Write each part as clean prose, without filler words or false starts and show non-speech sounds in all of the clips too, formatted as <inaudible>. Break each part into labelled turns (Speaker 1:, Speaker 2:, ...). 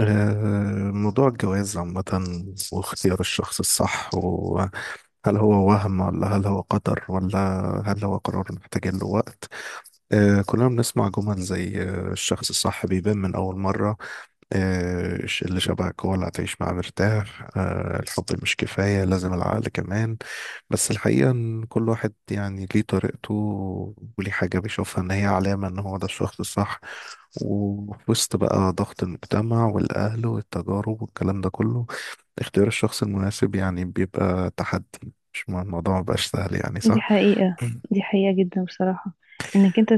Speaker 1: موضوع الجواز عامة، واختيار الشخص الصح، وهل هو وهم ولا هل هو قدر ولا هل هو قرار محتاج له وقت؟ كلنا بنسمع جمل زي الشخص الصح بيبان من أول مرة، آه، اللي شبهك هو اللي هتعيش معاه مرتاح، الحب مش كفاية، لازم العقل كمان. بس الحقيقة إن كل واحد يعني ليه طريقته، وليه حاجة بيشوفها إن هي علامة إن هو ده الشخص الصح. وفي وسط بقى ضغط المجتمع والأهل والتجارب والكلام ده كله، اختيار الشخص المناسب يعني بيبقى تحدي. مش الموضوع مبقاش سهل، يعني
Speaker 2: دي
Speaker 1: صح؟
Speaker 2: حقيقة.
Speaker 1: مم.
Speaker 2: دي حقيقة جدا بصراحة. انك انت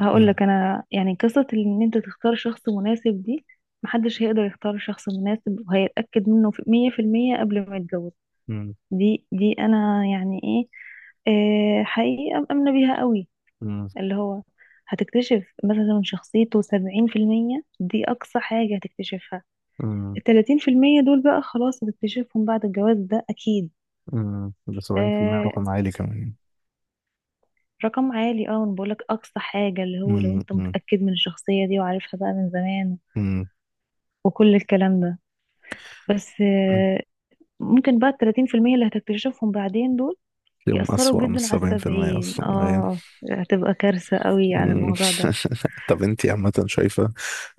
Speaker 2: هقول
Speaker 1: مم.
Speaker 2: لك انا، يعني، قصة ان انت تختار شخص مناسب دي. محدش هيقدر يختار شخص مناسب وهيتأكد منه في 100% قبل ما يتجوز.
Speaker 1: مم.
Speaker 2: دي انا يعني ايه. حقيقة مأمنة بيها قوي.
Speaker 1: مم.
Speaker 2: اللي هو هتكتشف مثلا من شخصيته 70%، دي أقصى حاجة هتكتشفها.
Speaker 1: مم.
Speaker 2: 30% دول بقى خلاص هتكتشفهم بعد الجواز ده أكيد.
Speaker 1: مم. ده 70%
Speaker 2: آه،
Speaker 1: رقم عالي كمان.
Speaker 2: رقم عالي. اه انا بقولك اقصى حاجة، اللي هو لو
Speaker 1: مم.
Speaker 2: انت
Speaker 1: مم.
Speaker 2: متأكد من الشخصية دي وعارفها بقى من زمان
Speaker 1: مم.
Speaker 2: وكل الكلام ده. بس ممكن بقى 30% اللي هتكتشفهم بعدين دول
Speaker 1: تلاقيهم
Speaker 2: يأثروا
Speaker 1: أسوأ من
Speaker 2: جدا على
Speaker 1: 70%
Speaker 2: السبعين.
Speaker 1: أصلا هي.
Speaker 2: اه هتبقى كارثة قوي على
Speaker 1: مم.
Speaker 2: الموضوع ده.
Speaker 1: <laughs> طب أنت عامة شايفة،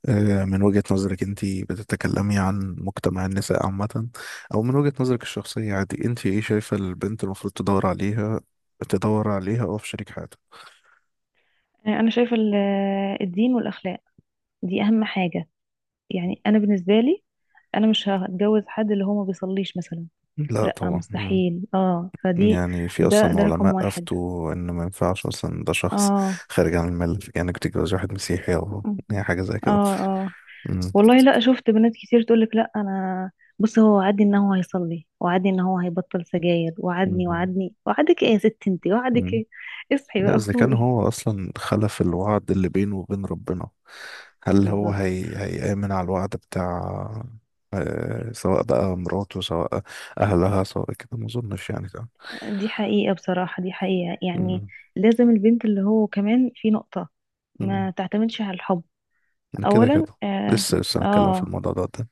Speaker 1: من وجهة نظرك؟ أنت بتتكلمي عن مجتمع النساء عامة أو من وجهة نظرك الشخصية؟ عادي، أنت إيه شايفة البنت المفروض تدور عليها، أو في شريك حياتها؟
Speaker 2: انا شايفة الدين والاخلاق دي اهم حاجة. يعني انا بالنسبة لي، انا مش هتجوز حد اللي هو ما بيصليش مثلا.
Speaker 1: لا
Speaker 2: لا
Speaker 1: طبعا. مم.
Speaker 2: مستحيل. اه فدي،
Speaker 1: يعني في
Speaker 2: ده
Speaker 1: أصلا
Speaker 2: ده رقم
Speaker 1: علماء
Speaker 2: واحد.
Speaker 1: أفتوا إن ما ينفعش أصلا، ده شخص
Speaker 2: اه
Speaker 1: خارج عن الملة، يعني إنك تتجوز واحد مسيحي، أو يعني حاجة
Speaker 2: <laughs> اه
Speaker 1: زي كده.
Speaker 2: اه،
Speaker 1: مم.
Speaker 2: والله. لا شفت بنات كتير تقولك: لا انا، بص، هو وعدني ان هو هيصلي، وعدني ان هو هيبطل سجاير، وعدني
Speaker 1: مم.
Speaker 2: وعدني. وعدك ايه يا ست انتي، وعدك
Speaker 1: مم.
Speaker 2: ايه؟ اصحي
Speaker 1: لا،
Speaker 2: بقى
Speaker 1: إذا كان
Speaker 2: فوقي.
Speaker 1: هو أصلا خلف الوعد اللي بينه وبين ربنا، هل هو
Speaker 2: بالظبط.
Speaker 1: هيأمن على الوعد بتاع، سواء بقى مراته، سواء أهلها، سواء كده؟ ما أظنش يعني ده.
Speaker 2: دي حقيقة بصراحة، دي حقيقة يعني.
Speaker 1: مم.
Speaker 2: لازم البنت، اللي هو كمان في نقطة،
Speaker 1: مم.
Speaker 2: ما تعتمدش على الحب
Speaker 1: كده
Speaker 2: اولا
Speaker 1: كده،
Speaker 2: اه,
Speaker 1: لسه لسه هنتكلم في
Speaker 2: آه,
Speaker 1: الموضوع ده قدام.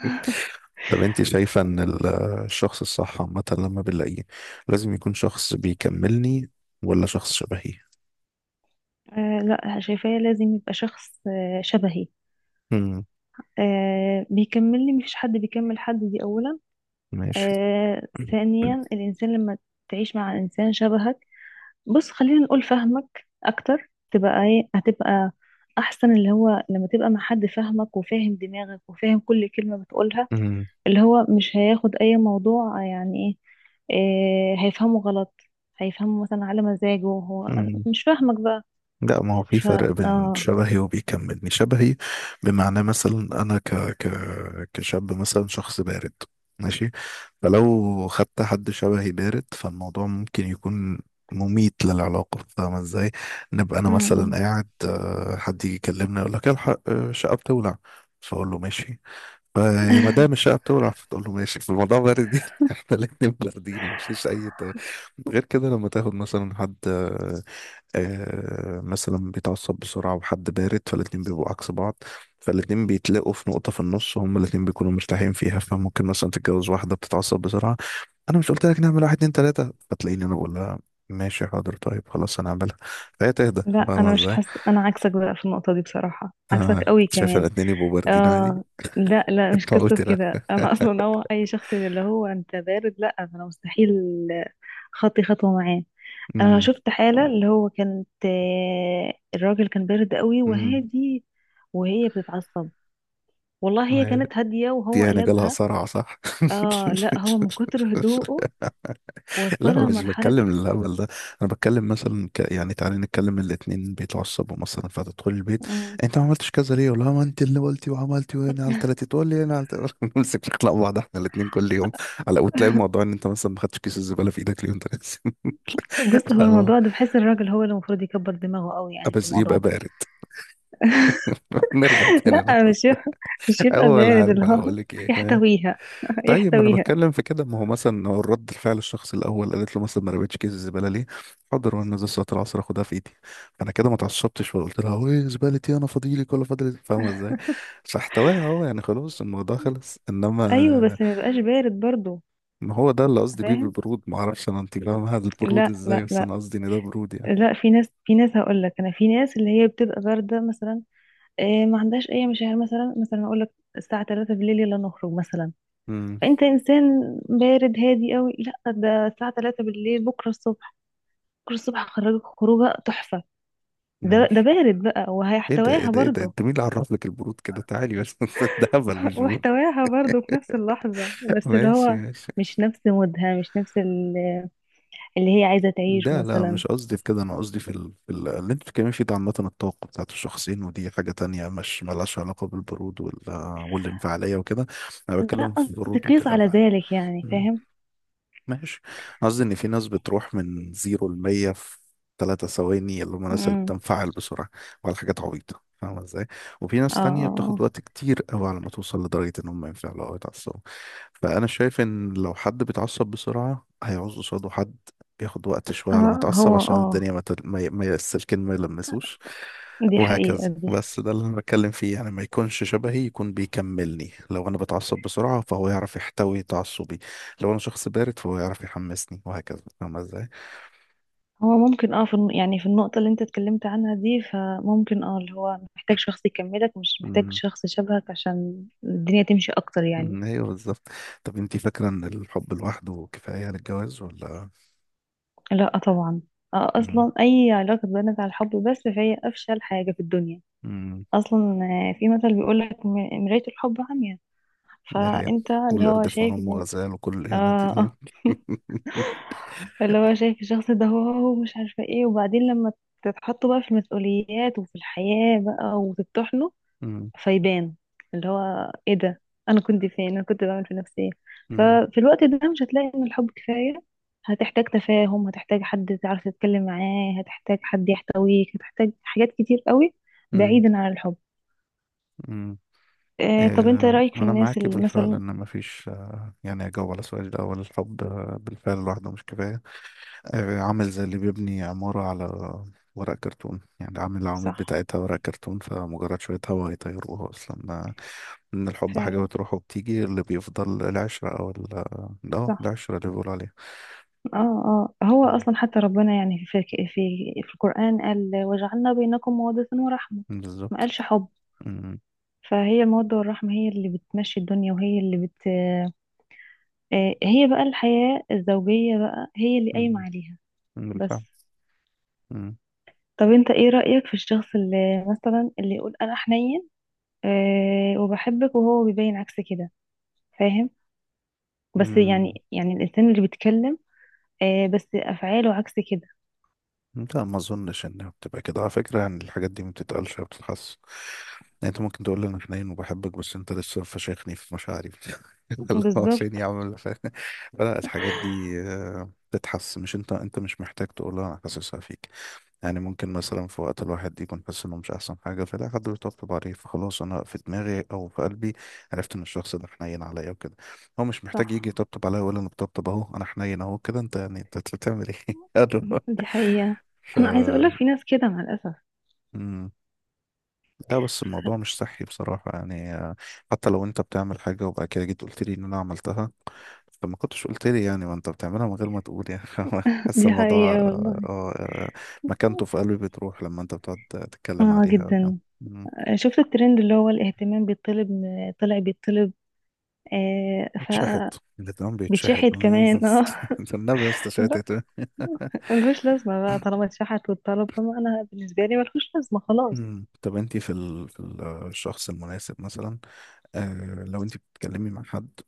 Speaker 1: <laughs> طب انت شايفة ان الشخص الصح عامة لما بنلاقيه لازم يكون شخص بيكملني، ولا شخص شبهي؟
Speaker 2: لا، شايفاه لازم يبقى شخص شبهي.
Speaker 1: امم.
Speaker 2: بيكملني، مفيش حد بيكمل حد، دي اولا.
Speaker 1: ماشي. <clears throat>
Speaker 2: ثانيا، الإنسان لما تعيش مع إنسان شبهك، بص خلينا نقول فهمك أكتر، تبقى إيه؟ هتبقى أحسن. اللي هو لما تبقى مع حد فاهمك وفاهم دماغك وفاهم كل كلمة بتقولها،
Speaker 1: مم.
Speaker 2: اللي هو مش هياخد أي موضوع يعني إيه. هيفهمه غلط، هيفهمه مثلا على مزاجه هو،
Speaker 1: مم.
Speaker 2: مش فاهمك بقى.
Speaker 1: لا، ما هو في
Speaker 2: ف
Speaker 1: فرق بين
Speaker 2: آه
Speaker 1: شبهي وبيكملني. شبهي بمعنى مثلا انا كشاب مثلا شخص بارد، ماشي، فلو خدت حد شبهي بارد فالموضوع ممكن يكون مميت للعلاقة. فاهمة ازاي؟ نبقى انا
Speaker 2: م- م.
Speaker 1: مثلا قاعد، حد يجي يكلمني يقول لك الحق، الشقة بتولع، فاقول له ماشي. فما دام الشقة بتولع فتقول له ماشي، <laughs> فالموضوع بارد جدا. <laughs> احنا الاتنين باردين، مفيش اي غير كده. لما تاخد مثلا حد، مثلا بيتعصب بسرعة، وحد بارد، فالاتنين بيبقوا عكس بعض. فالاتنين بيتلاقوا في نقطة في النص، وهم الاتنين بيكونوا مرتاحين فيها. فممكن مثلا تتجوز واحدة بتتعصب بسرعة، أنا مش قلت لك نعمل واحد اتنين تلاتة؟ فتلاقيني أنا بقول لها ماشي، حاضر، طيب، خلاص هنعملها، فهي تهدى.
Speaker 2: لا،
Speaker 1: فاهمة
Speaker 2: أنا مش
Speaker 1: ازاي؟
Speaker 2: حاسة، أنا عكسك بقى في النقطة دي، بصراحة عكسك قوي
Speaker 1: شايف
Speaker 2: كمان.
Speaker 1: الاتنين يبقوا باردين عادي.
Speaker 2: اه لا
Speaker 1: <laughs>
Speaker 2: لا، مش
Speaker 1: انت
Speaker 2: قصة
Speaker 1: قلت لا.
Speaker 2: كده. انا اصلا هو اي شخص اللي هو انت بارد، لا انا مستحيل خطي خطوة معاه. انا
Speaker 1: امم.
Speaker 2: شفت حالة اللي هو كانت، الراجل كان بارد قوي
Speaker 1: امم.
Speaker 2: وهادي، وهي بتتعصب. والله هي كانت هادية
Speaker 1: دي
Speaker 2: وهو
Speaker 1: يعني جالها
Speaker 2: قلبها.
Speaker 1: صرع صح؟
Speaker 2: اه لا، هو من كتر هدوءه
Speaker 1: <laughs> لا،
Speaker 2: وصلها
Speaker 1: مش
Speaker 2: لمرحلة.
Speaker 1: بتكلم الهبل ده. انا بتكلم مثلا يعني تعالي نتكلم الاتنين بيتعصبوا مثلا، فتدخل البيت،
Speaker 2: مم.
Speaker 1: انت ما عملتش كذا ليه؟ ولا ما انت اللي قلتي وعملتي؟ وانا على تلاتة، تقول لي انا على تلاتة، <laughs> نمسك نخلق بعض احنا الاتنين كل يوم. على، وتلاقي الموضوع ان انت مثلا ما خدتش كيس الزباله في ايدك اليوم
Speaker 2: بص هو
Speaker 1: ده.
Speaker 2: الموضوع ده، بحس الراجل هو اللي المفروض يكبر دماغه قوي يعني
Speaker 1: <laughs>
Speaker 2: في
Speaker 1: بس
Speaker 2: الموضوع
Speaker 1: يبقى
Speaker 2: ده.
Speaker 1: بارد. <laughs> نرجع
Speaker 2: <laughs>
Speaker 1: تاني بقى.
Speaker 2: لا مش يبقى، مش يبقى
Speaker 1: اول،
Speaker 2: بارد.
Speaker 1: عارف
Speaker 2: اللي
Speaker 1: انا
Speaker 2: هو
Speaker 1: بقول لك ايه؟
Speaker 2: يحتويها. <laughs>
Speaker 1: طيب، ما انا
Speaker 2: يحتويها.
Speaker 1: بتكلم في كده. ما هو مثلا، هو الرد الفعل الشخص الاول قالت له مثلا ما رميتش كيس الزباله ليه، حاضر وانا نازل صلاه العصر اخدها في ايدي. فانا كده ما اتعصبتش، وقلت لها ايه، زبالتي انا فاضيلك ولا فاضل؟ <laughs> فاهمه ازاي؟ فاحتواها اهو، يعني خلاص الموضوع خلص.
Speaker 2: ايوه
Speaker 1: انما
Speaker 2: بس ما يبقاش بارد برضو.
Speaker 1: ما هو ده اللي قصدي بيه
Speaker 2: فاهم؟
Speaker 1: بالبرود. ما اعرفش انا انت فاهمه هذا البرود
Speaker 2: لا
Speaker 1: ازاي،
Speaker 2: لا
Speaker 1: بس
Speaker 2: لا
Speaker 1: انا قصدي ان ده برود يعني.
Speaker 2: لا. في ناس، في ناس هقول لك انا، في ناس اللي هي بتبقى بارده مثلا، إيه، ما عندهاش اي مشاعر. مثلا اقول لك الساعه 3 بالليل يلا نخرج مثلا،
Speaker 1: امم.
Speaker 2: فانت انسان بارد هادي قوي، لا ده الساعه 3 بالليل، بكره الصبح، بكره الصبح هخرجك خروجه تحفه. ده
Speaker 1: ماشي.
Speaker 2: بارد بقى
Speaker 1: ايه ده؟ ايه
Speaker 2: وهيحتواها
Speaker 1: ده؟ ايه ده؟
Speaker 2: برضو.
Speaker 1: انت مين اللي عرف لك البرود كده؟ تعالي بس. <laughs> ده هبل
Speaker 2: <laughs>
Speaker 1: مش برود.
Speaker 2: واحتواها برضو في نفس
Speaker 1: <laughs>
Speaker 2: اللحظه، بس اللي
Speaker 1: ماشي،
Speaker 2: هو
Speaker 1: ماشي.
Speaker 2: مش نفس مودها، مش نفس اللي هي عايزه تعيشه
Speaker 1: ده لا،
Speaker 2: مثلا.
Speaker 1: مش قصدي في كده. انا قصدي في اللي انت بتتكلمي فيه ده، عامه الطاقه بتاعت الشخصين، ودي حاجه تانية مش ملهاش علاقه بالبرود والانفعاليه وكده. انا
Speaker 2: لا
Speaker 1: بتكلم في
Speaker 2: قصدي
Speaker 1: البرود
Speaker 2: قيس على
Speaker 1: والتلبع.
Speaker 2: ذلك، يعني فاهم.
Speaker 1: ماشي. قصدي ان في ناس بتروح من 0 لمية في 3 ثواني، اللي هم الناس اللي
Speaker 2: امم.
Speaker 1: بتنفعل بسرعة وعلى حاجات عبيطة. فاهمة ازاي؟ وفي ناس تانية بتاخد
Speaker 2: اه
Speaker 1: وقت كتير قوي على ما توصل لدرجة ان هم ينفعلوا او يتعصبوا. فأنا شايف ان لو حد بيتعصب بسرعة هيعوز قصاده حد بياخد وقت شوية
Speaker 2: اه،
Speaker 1: على ما يتعصب،
Speaker 2: هو
Speaker 1: عشان
Speaker 2: اه
Speaker 1: الدنيا ما, تل... ما, ي... ما ي- السلكين ما يلمسوش،
Speaker 2: دي حقيقة
Speaker 1: وهكذا.
Speaker 2: دي.
Speaker 1: بس ده اللي انا بتكلم فيه، يعني ما يكونش شبهي، يكون بيكملني. لو انا بتعصب بسرعة فهو يعرف يحتوي تعصبي، لو انا شخص بارد فهو يعرف يحمسني، وهكذا. فاهمة ازاي؟
Speaker 2: هو ممكن اه في يعني في النقطة اللي انت اتكلمت عنها دي، فممكن اه اللي هو محتاج شخص يكملك، مش محتاج
Speaker 1: أمم،
Speaker 2: شخص شبهك، عشان الدنيا تمشي اكتر يعني.
Speaker 1: أمم، ايوه بالظبط. طب انتي فاكرة ان الحب لوحده كفاية للجواز ولا؟
Speaker 2: لا طبعا.
Speaker 1: أمم،
Speaker 2: اصلا اي علاقة بنت على الحب بس، فهي افشل حاجة في الدنيا
Speaker 1: أمم،
Speaker 2: اصلا. في مثل بيقولك: مراية الحب عمياء.
Speaker 1: دي هي،
Speaker 2: فانت اللي هو
Speaker 1: والقرد في عين
Speaker 2: شايف
Speaker 1: أمه
Speaker 2: ان
Speaker 1: غزال وكل الإهانة دي.
Speaker 2: اه،
Speaker 1: <laughs>
Speaker 2: اللي هو شايف الشخص ده، هو مش عارفة ايه. وبعدين لما تتحطوا بقى في المسؤوليات وفي الحياة بقى وتطحنوا،
Speaker 1: أمم،
Speaker 2: فيبان اللي هو ايه ده، انا كنت فين، انا كنت بعمل في نفسي ايه.
Speaker 1: أمم،
Speaker 2: ففي الوقت ده مش هتلاقي ان الحب كفاية. هتحتاج تفاهم، هتحتاج حد تعرف تتكلم معاه، هتحتاج حد يحتويك، هتحتاج حاجات كتير قوي
Speaker 1: أمم،
Speaker 2: بعيدا عن الحب.
Speaker 1: أمم.
Speaker 2: آه طب انت
Speaker 1: إيه،
Speaker 2: رأيك في
Speaker 1: أنا
Speaker 2: الناس
Speaker 1: معاكي
Speaker 2: اللي
Speaker 1: بالفعل
Speaker 2: مثلا.
Speaker 1: إن مفيش. يعني أجاوب على السؤال ده أول، الحب بالفعل لوحده مش كفاية. عامل زي اللي بيبني عمارة على ورق كرتون، يعني عامل العواميد
Speaker 2: صح.
Speaker 1: بتاعتها ورق كرتون، فمجرد شوية هوا يطيروها أصلا. من الحب حاجة
Speaker 2: فعلا.
Speaker 1: بتروح وبتيجي، اللي بيفضل العشرة أو ال اه
Speaker 2: صح.
Speaker 1: العشرة اللي بيقولوا عليها.
Speaker 2: اه اه. هو
Speaker 1: مم.
Speaker 2: اصلا حتى ربنا يعني في القرآن قال: وجعلنا بينكم مودة ورحمة، ما
Speaker 1: بالظبط.
Speaker 2: قالش حب.
Speaker 1: مم.
Speaker 2: فهي المودة والرحمة هي اللي بتمشي الدنيا، وهي اللي بت هي بقى الحياة الزوجية بقى هي اللي قايمة
Speaker 1: مم.
Speaker 2: عليها. بس.
Speaker 1: بالفعل. مم.
Speaker 2: طب انت ايه رأيك في الشخص اللي مثلا، اللي يقول: انا حنين، وبحبك، وهو بيبين عكس كده. فاهم؟ بس
Speaker 1: مم.
Speaker 2: يعني، الانسان اللي بيتكلم، بس افعاله عكس كده.
Speaker 1: لا، ما اظنش انها بتبقى كده على فكره. يعني الحاجات دي ما بتتقالش، ما بتتحس. يعني انت ممكن تقول لي انا حنين وبحبك، بس انت لسه فشخني في مشاعري، <laughs> اللي هو عشان
Speaker 2: بالظبط.
Speaker 1: يعمل فلا، الحاجات دي بتتحس، مش انت مش محتاج تقولها، انا حاسسها فيك. يعني ممكن مثلا في وقت الواحد يكون حاسس انه مش احسن حاجه، فلا حد بيطبطب عليه، فخلاص انا في دماغي او في قلبي عرفت ان الشخص ده حنين عليا وكده. هو مش محتاج يجي
Speaker 2: صح،
Speaker 1: يطبطب عليا، ولا انا بطبطب اهو انا حنين اهو كده انت، يعني انت بتعمل ايه؟
Speaker 2: دي حقيقة.
Speaker 1: <laughs> ف
Speaker 2: أنا عايزة أقولك في ناس كده مع الأسف.
Speaker 1: مم. لا، بس الموضوع مش صحي بصراحة، يعني، حتى لو انت بتعمل حاجة وبعد كده جيت قلت لي ان انا عملتها، فما كنتش قلت لي يعني، ما انت بتعملها من غير ما تقول يعني. <laughs>
Speaker 2: <laughs>
Speaker 1: حاسس
Speaker 2: دي
Speaker 1: الموضوع
Speaker 2: حقيقة والله.
Speaker 1: مكانته في قلبي بتروح لما انت بتقعد تتكلم
Speaker 2: اه
Speaker 1: عليها، يعني.
Speaker 2: جدا.
Speaker 1: مم.
Speaker 2: شفت الترند اللي هو الاهتمام بيطلب، طلع بيطلب. آه ف
Speaker 1: بيتشحت، الاتنين بيتشحت.
Speaker 2: بيتشحت كمان اه.
Speaker 1: <laughs> النبي يا اسطى
Speaker 2: <laughs> لا
Speaker 1: شحتت.
Speaker 2: ملهوش لازمة بقى. طالما اتشحت والطلب، فما أنا بالنسبة لي ملهوش لازمة خلاص.
Speaker 1: مم. طب انت في الشخص المناسب مثلا، لو انت بتتكلمي مع حد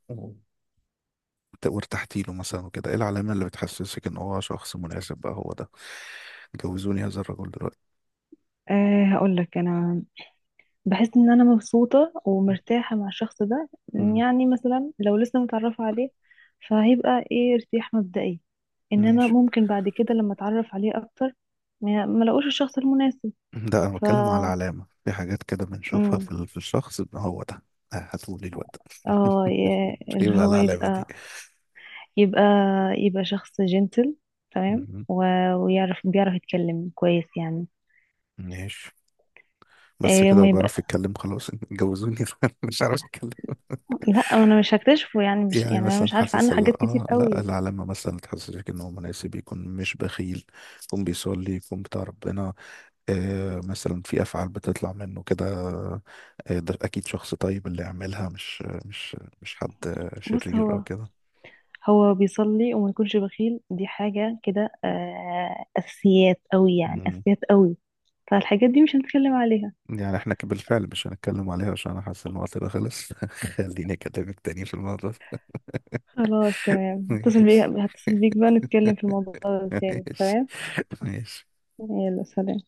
Speaker 1: وارتحتي له مثلا وكده، ايه العلامة اللي بتحسسك ان هو شخص مناسب بقى هو ده، جوزوني هذا الرجل دلوقتي؟
Speaker 2: هقول لك أنا بحس ان انا مبسوطة ومرتاحة مع الشخص ده.
Speaker 1: مم.
Speaker 2: يعني مثلا لو لسه متعرفة عليه، فهيبقى ايه؟ ارتياح مبدئي. انما
Speaker 1: ماشي.
Speaker 2: ممكن بعد كده لما اتعرف عليه اكتر، ما لاقوش الشخص المناسب.
Speaker 1: ده انا
Speaker 2: ف
Speaker 1: بتكلم على علامة، في حاجات كده بنشوفها
Speaker 2: امم
Speaker 1: في في الشخص ان هو ده، هاتولي الواد ده.
Speaker 2: اه
Speaker 1: <laughs> ايه
Speaker 2: اللي
Speaker 1: بقى
Speaker 2: هو
Speaker 1: العلامة دي؟
Speaker 2: يبقى يبقى شخص جنتل تمام،
Speaker 1: مم.
Speaker 2: ويعرف، بيعرف يتكلم كويس يعني.
Speaker 1: ماشي. بس
Speaker 2: إيه
Speaker 1: كده
Speaker 2: ما
Speaker 1: بعرف
Speaker 2: يبقى.
Speaker 1: اتكلم خلاص؟ <laughs> جوزوني. <laughs> مش عارف اتكلم؟
Speaker 2: لا انا مش هكتشفه يعني، مش
Speaker 1: يعني
Speaker 2: يعني، انا
Speaker 1: مثلا
Speaker 2: مش عارفة
Speaker 1: حاسس
Speaker 2: عنه حاجات
Speaker 1: ال-
Speaker 2: كتير
Speaker 1: اه لا
Speaker 2: قوي.
Speaker 1: العلامة مثلا تحسسك ان هو مناسب، يكون مش بخيل، يكون بيصلي، يكون بتاع ربنا، مثلا في افعال بتطلع منه كده، ده اكيد شخص طيب اللي يعملها، مش حد
Speaker 2: بص،
Speaker 1: شرير او
Speaker 2: هو
Speaker 1: كده.
Speaker 2: هو بيصلي وما يكونش بخيل، دي حاجة كده أساسيات أوي يعني،
Speaker 1: مم.
Speaker 2: أساسيات أوي. فالحاجات دي مش هنتكلم عليها.
Speaker 1: يعني احنا بالفعل مش هنتكلم عليها، عشان انا حاسس ان وقتنا خلص. <laughs> خليني اكلمك تاني في الموضوع ده.
Speaker 2: خلاص تمام، هتصل بيك،
Speaker 1: <laughs>
Speaker 2: هتصل بيك بقى نتكلم في الموضوع ده
Speaker 1: ماشي،
Speaker 2: تاني. تمام.
Speaker 1: ماشي، ماشي.
Speaker 2: يلا سلام.